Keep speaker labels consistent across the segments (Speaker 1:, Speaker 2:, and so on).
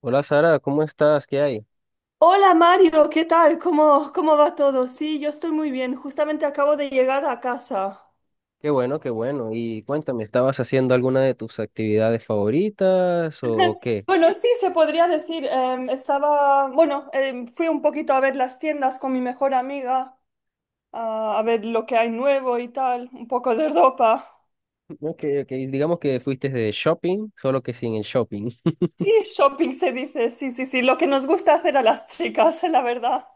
Speaker 1: Hola Sara, ¿cómo estás? ¿Qué hay?
Speaker 2: Hola Mario, ¿qué tal? ¿Cómo va todo? Sí, yo estoy muy bien. Justamente acabo de llegar a casa.
Speaker 1: Qué bueno, qué bueno. Y cuéntame, ¿estabas haciendo alguna de tus actividades favoritas o qué?
Speaker 2: Bueno, sí, se podría decir. Bueno, fui un poquito a ver las tiendas con mi mejor amiga, a ver lo que hay nuevo y tal, un poco de ropa.
Speaker 1: Ok, ok, digamos que fuiste de shopping, solo que sin el shopping.
Speaker 2: Sí, shopping se dice, sí, sí, sí, lo que nos gusta hacer a las chicas, la verdad.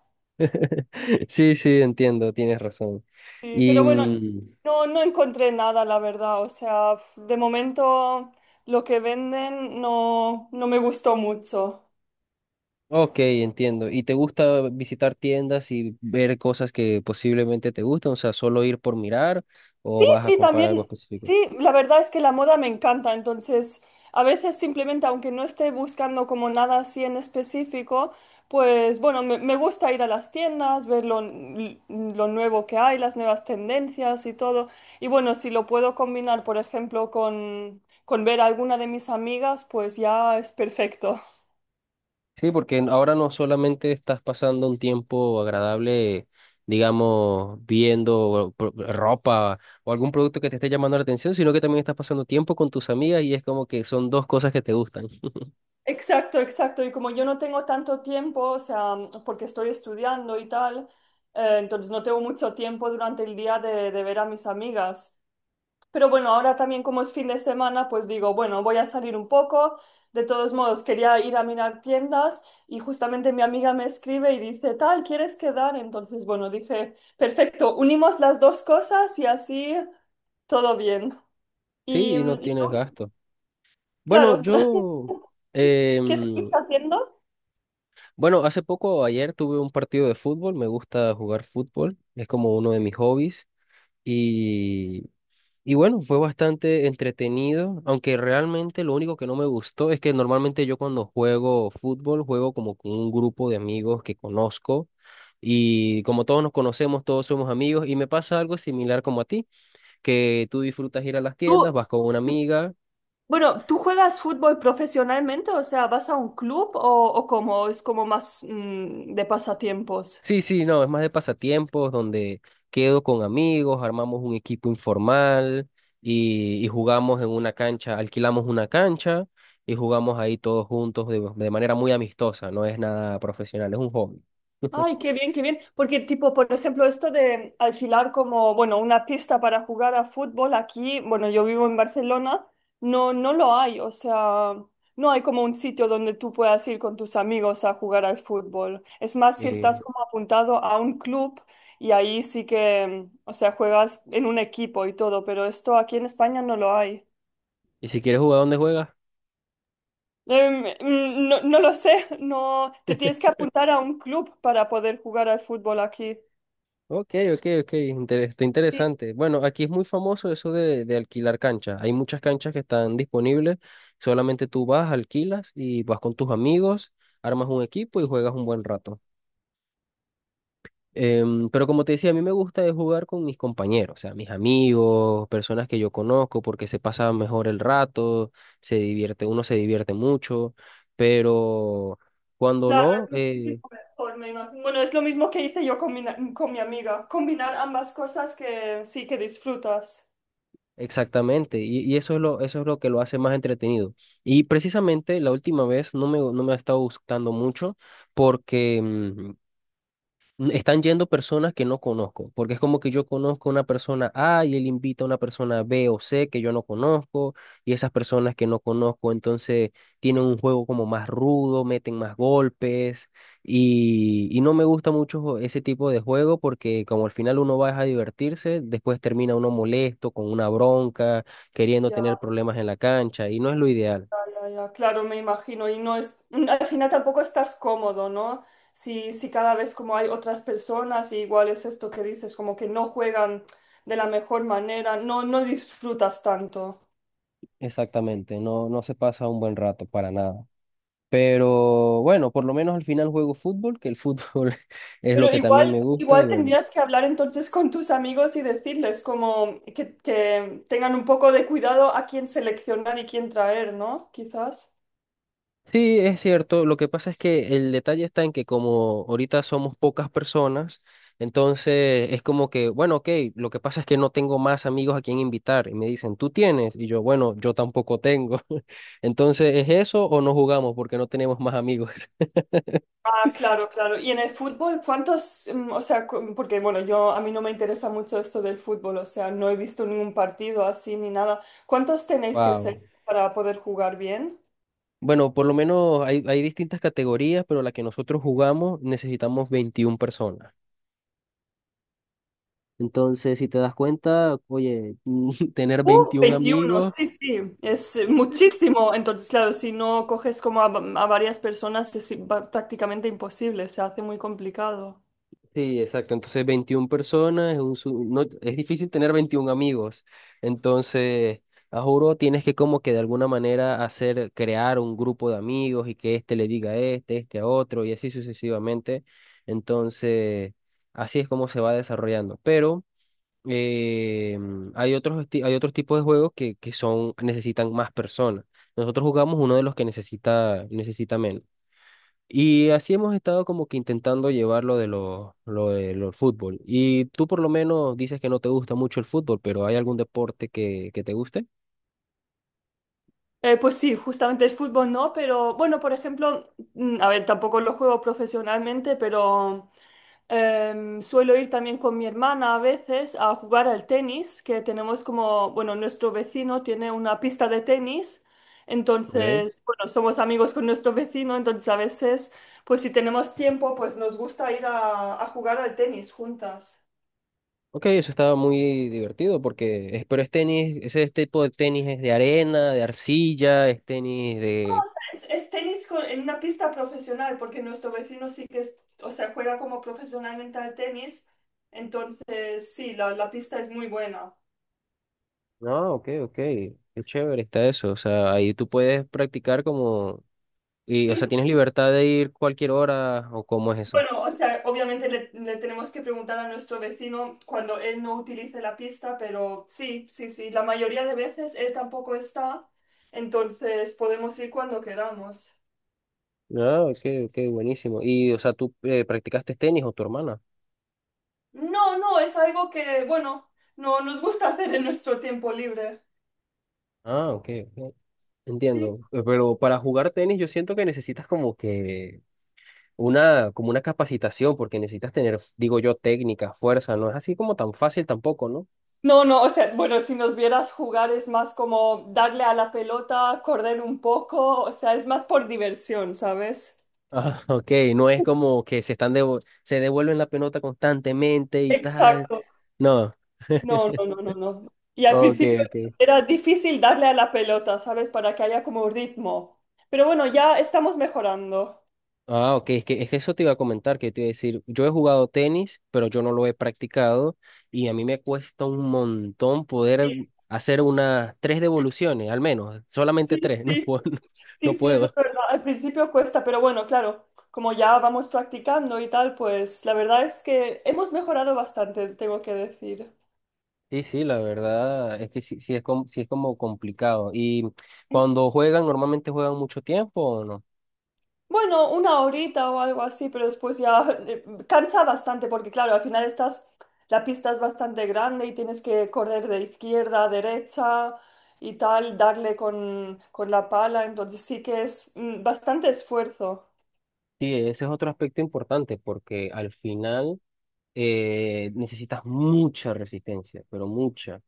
Speaker 1: Sí, sí, entiendo, tienes razón.
Speaker 2: Sí,
Speaker 1: Y,
Speaker 2: pero bueno,
Speaker 1: mm,
Speaker 2: no encontré nada, la verdad. O sea, de momento lo que venden no me gustó mucho.
Speaker 1: ok, entiendo. ¿Y te gusta visitar tiendas y ver cosas que posiblemente te gustan? O sea, ¿solo ir por mirar
Speaker 2: Sí,
Speaker 1: o vas a
Speaker 2: sí,
Speaker 1: comprar algo
Speaker 2: también,
Speaker 1: específico?
Speaker 2: sí, la verdad es que la moda me encanta, entonces a veces simplemente, aunque no esté buscando como nada así en específico, pues bueno, me gusta ir a las tiendas, ver lo nuevo que hay, las nuevas tendencias y todo. Y bueno, si lo puedo combinar, por ejemplo, con ver a alguna de mis amigas, pues ya es perfecto.
Speaker 1: Sí, porque ahora no solamente estás pasando un tiempo agradable, digamos, viendo ropa o algún producto que te esté llamando la atención, sino que también estás pasando tiempo con tus amigas y es como que son dos cosas que te gustan.
Speaker 2: Exacto, exacto. Y como yo no tengo tanto tiempo, o sea, porque estoy estudiando y tal, entonces no tengo mucho tiempo durante el día de ver a mis amigas. Pero bueno, ahora también como es fin de semana, pues digo, bueno, voy a salir un poco. De todos modos, quería ir a mirar tiendas y justamente mi amiga me escribe y dice, tal, ¿quieres quedar? Entonces, bueno, dije, perfecto, unimos las dos cosas y así todo bien.
Speaker 1: Sí,
Speaker 2: Y,
Speaker 1: y no
Speaker 2: y
Speaker 1: tienes
Speaker 2: tú,
Speaker 1: gasto. Bueno,
Speaker 2: claro,
Speaker 1: yo,
Speaker 2: ¿qué estás
Speaker 1: em,
Speaker 2: haciendo?
Speaker 1: bueno, hace poco, ayer tuve un partido de fútbol, me gusta jugar fútbol, es como uno de mis hobbies. Y bueno, fue bastante entretenido, aunque realmente lo único que no me gustó es que normalmente yo cuando juego fútbol juego como con un grupo de amigos que conozco, y como todos nos conocemos, todos somos amigos y me pasa algo similar como a ti, que tú disfrutas ir a las
Speaker 2: Tú,
Speaker 1: tiendas, vas con una amiga.
Speaker 2: bueno, ¿tú juegas fútbol profesionalmente? O sea, ¿vas a un club o cómo? ¿Es como más de pasatiempos?
Speaker 1: Sí, sí, no, es más de pasatiempos donde quedo con amigos, armamos un equipo informal y jugamos en una cancha, alquilamos una cancha y jugamos ahí todos juntos de manera muy amistosa, no es nada profesional, es un hobby.
Speaker 2: Ay, qué bien, qué bien. Porque, tipo, por ejemplo, esto de alquilar como, bueno, una pista para jugar a fútbol aquí, bueno, yo vivo en Barcelona, no lo hay. O sea, no hay como un sitio donde tú puedas ir con tus amigos a jugar al fútbol. Es más, si
Speaker 1: Eh,
Speaker 2: estás como apuntado a un club y ahí sí que, o sea, juegas en un equipo y todo, pero esto aquí en España no lo hay.
Speaker 1: y si quieres jugar, ¿dónde juegas?
Speaker 2: No lo sé, no, te tienes que apuntar a un club para poder jugar al fútbol aquí.
Speaker 1: Ok, ok, ok, está interesante. Bueno, aquí es muy famoso eso de alquilar canchas. Hay muchas canchas que están disponibles, solamente tú vas, alquilas y vas con tus amigos, armas un equipo y juegas un buen rato. Em, pero como te decía, a mí me gusta de jugar con mis compañeros, o sea, mis amigos, personas que yo conozco, porque se pasa mejor el rato, se divierte, uno se divierte mucho, pero cuando
Speaker 2: Claro,
Speaker 1: no,
Speaker 2: es muchísimo mejor, me imagino. Bueno, es lo mismo que hice yo con mi amiga. Combinar ambas cosas que sí que disfrutas.
Speaker 1: exactamente, y eso es eso es lo que lo hace más entretenido. Y precisamente la última vez no no me ha estado gustando mucho porque están yendo personas que no conozco, porque es como que yo conozco a una persona A y él invita a una persona B o C que yo no conozco, y esas personas que no conozco entonces tienen un juego como más rudo, meten más golpes, y no me gusta mucho ese tipo de juego porque como al final uno va a divertirse, después termina uno molesto, con una bronca, queriendo
Speaker 2: Ya,
Speaker 1: tener problemas en la cancha, y no es lo ideal.
Speaker 2: ya, ya, claro, me imagino. Y no es, al final tampoco estás cómodo, ¿no? Si cada vez como hay otras personas, y igual es esto que dices, como que no juegan de la mejor manera, no disfrutas tanto.
Speaker 1: Exactamente, no, no se pasa un buen rato para nada. Pero bueno, por lo menos al final juego fútbol, que el fútbol es lo
Speaker 2: Pero
Speaker 1: que también
Speaker 2: igual,
Speaker 1: me gusta y
Speaker 2: igual
Speaker 1: bueno.
Speaker 2: tendrías que hablar entonces con tus amigos y decirles como que tengan un poco de cuidado a quién seleccionar y quién traer, ¿no? Quizás.
Speaker 1: Sí, es cierto. Lo que pasa es que el detalle está en que como ahorita somos pocas personas, entonces es como que, bueno, ok, lo que pasa es que no tengo más amigos a quien invitar y me dicen, ¿tú tienes? Y yo, bueno, yo tampoco tengo. Entonces, ¿es eso o no jugamos porque no tenemos más amigos?
Speaker 2: Ah, claro, claro. Y en el fútbol, ¿cuántos, o sea, porque bueno, yo a mí no me interesa mucho esto del fútbol, o sea, no he visto ningún partido así ni nada. ¿Cuántos tenéis que ser
Speaker 1: Wow.
Speaker 2: para poder jugar bien?
Speaker 1: Bueno, por lo menos hay, hay distintas categorías, pero la que nosotros jugamos necesitamos 21 personas. Entonces, si te das cuenta, oye, tener 21
Speaker 2: 21
Speaker 1: amigos,
Speaker 2: sí, sí, es muchísimo. Entonces, claro, si no coges como a varias personas es prácticamente imposible, se hace muy complicado.
Speaker 1: sí, exacto, entonces 21 personas, es, no, es difícil tener 21 amigos. Entonces, a juro, tienes que como que de alguna manera hacer, crear un grupo de amigos y que este le diga a este, este a otro y así sucesivamente. Entonces, así es como se va desarrollando. Pero... Eh, hay otros, hay otros tipos de juegos que son, necesitan más personas. Nosotros jugamos uno de los que necesita menos. Y así hemos estado como que intentando llevar lo de lo de los fútbol. Y tú por lo menos dices que no te gusta mucho el fútbol, pero ¿hay algún deporte que te guste?
Speaker 2: Pues sí, justamente el fútbol no, pero bueno, por ejemplo, a ver, tampoco lo juego profesionalmente, pero suelo ir también con mi hermana a veces a jugar al tenis, que tenemos como, bueno, nuestro vecino tiene una pista de tenis,
Speaker 1: Okay.
Speaker 2: entonces, bueno, somos amigos con nuestro vecino, entonces a veces, pues si tenemos tiempo, pues nos gusta ir a jugar al tenis juntas.
Speaker 1: Ok, eso estaba muy divertido porque, pero es tenis, ese tipo de tenis es de arena, de arcilla, es tenis de...
Speaker 2: Es tenis en una pista profesional, porque nuestro vecino sí que o sea, juega como profesionalmente al tenis, entonces sí, la pista es muy buena.
Speaker 1: No, ok, ok. Qué chévere está eso. O sea, ahí tú puedes practicar como... Y, o sea,
Speaker 2: Sí,
Speaker 1: tienes libertad de ir cualquier hora o cómo es eso.
Speaker 2: bueno, o sea, obviamente le tenemos que preguntar a nuestro vecino cuando él no utilice la pista, pero sí, sí, sí, la mayoría de veces él tampoco está, entonces podemos ir cuando queramos.
Speaker 1: No, ok, ok, buenísimo. Y, o sea, ¿tú practicaste tenis o tu hermana?
Speaker 2: No, no, es algo que, bueno, no nos gusta hacer en nuestro tiempo libre.
Speaker 1: Ah, ok, ok.
Speaker 2: Sí.
Speaker 1: Entiendo. Pero para jugar tenis yo siento que necesitas como que una, como una capacitación, porque necesitas tener, digo yo, técnica, fuerza. No es así como tan fácil tampoco, ¿no?
Speaker 2: No, no, o sea, bueno, si nos vieras jugar es más como darle a la pelota, correr un poco, o sea, es más por diversión, ¿sabes?
Speaker 1: Ah, ok, no es como que se están se devuelven la pelota constantemente y tal.
Speaker 2: Exacto.
Speaker 1: No.
Speaker 2: No, no, no, no, no. Y al
Speaker 1: Ok,
Speaker 2: principio
Speaker 1: ok.
Speaker 2: era difícil darle a la pelota, ¿sabes? Para que haya como ritmo. Pero bueno, ya estamos mejorando.
Speaker 1: Ah, ok, es que eso te iba a comentar, que te iba a decir, yo he jugado tenis, pero yo no lo he practicado y a mí me cuesta un montón poder
Speaker 2: Sí,
Speaker 1: hacer unas tres devoluciones, al menos, solamente
Speaker 2: sí,
Speaker 1: tres, no
Speaker 2: sí,
Speaker 1: puedo, no
Speaker 2: sí, sí, eso es
Speaker 1: puedo.
Speaker 2: verdad. Al principio cuesta, pero bueno, claro, como ya vamos practicando y tal, pues la verdad es que hemos mejorado bastante, tengo que decir.
Speaker 1: Sí, sí, la verdad es que sí, sí es como complicado. ¿Y cuando juegan, normalmente juegan mucho tiempo o no?
Speaker 2: Bueno, una horita o algo así, pero después ya cansa bastante porque claro, al final estás, la pista es bastante grande y tienes que correr de izquierda a derecha y tal, darle con la pala, entonces sí que es bastante esfuerzo.
Speaker 1: Sí, ese es otro aspecto importante porque al final necesitas mucha resistencia, pero mucha.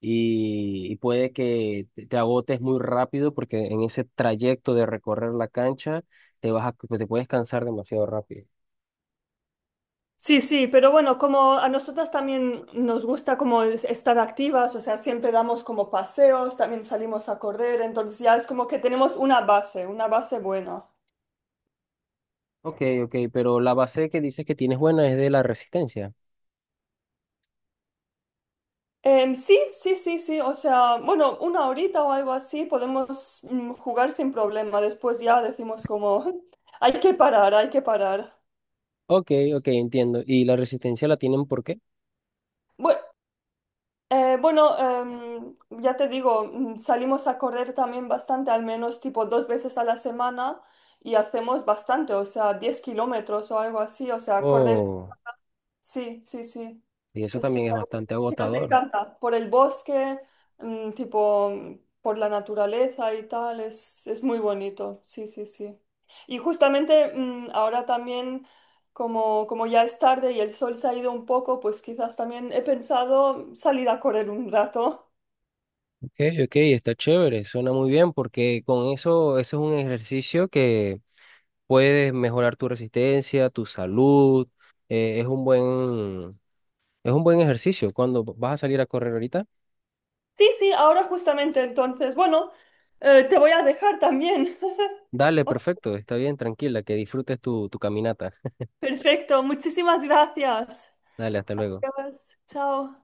Speaker 1: Y puede que te agotes muy rápido porque en ese trayecto de recorrer la cancha te vas a, pues, te puedes cansar demasiado rápido.
Speaker 2: Sí, sí, pero bueno, como a nosotras también nos gusta como estar activas, o sea, siempre damos como paseos, también salimos a correr, entonces ya es como que tenemos una base buena.
Speaker 1: Ok, ok, pero la base que dices que tienes buena es de la resistencia.
Speaker 2: Sí, sí, sí, sí. O sea, bueno, una horita o algo así podemos jugar sin problema. Después ya decimos como, hay que parar, hay que parar.
Speaker 1: Ok, ok, entiendo. ¿Y la resistencia la tienen por qué?
Speaker 2: Bue- bueno, ya te digo, salimos a correr también bastante, al menos tipo 2 veces a la semana y hacemos bastante, o sea, 10 kilómetros o algo así. O sea, correr.
Speaker 1: Oh,
Speaker 2: Sí, sí, sí.
Speaker 1: y eso
Speaker 2: Esto
Speaker 1: también
Speaker 2: es
Speaker 1: es
Speaker 2: algo
Speaker 1: bastante
Speaker 2: que nos
Speaker 1: agotador.
Speaker 2: encanta. Por el bosque, tipo, por la naturaleza y tal, es muy bonito. Sí, sí, sí. Y justamente ahora también, como ya es tarde y el sol se ha ido un poco, pues quizás también he pensado salir a correr un rato.
Speaker 1: Okay, ok, está chévere, suena muy bien porque con eso, eso es un ejercicio que puedes mejorar tu resistencia, tu salud, eh, es un buen, es un buen ejercicio. Cuando vas a salir a correr ahorita,
Speaker 2: Sí, sí, ahora justamente entonces. Bueno, te voy a dejar también.
Speaker 1: dale, perfecto, está bien, tranquila, que disfrutes tu caminata.
Speaker 2: Perfecto, muchísimas gracias.
Speaker 1: Dale, hasta luego.
Speaker 2: Adiós, chao.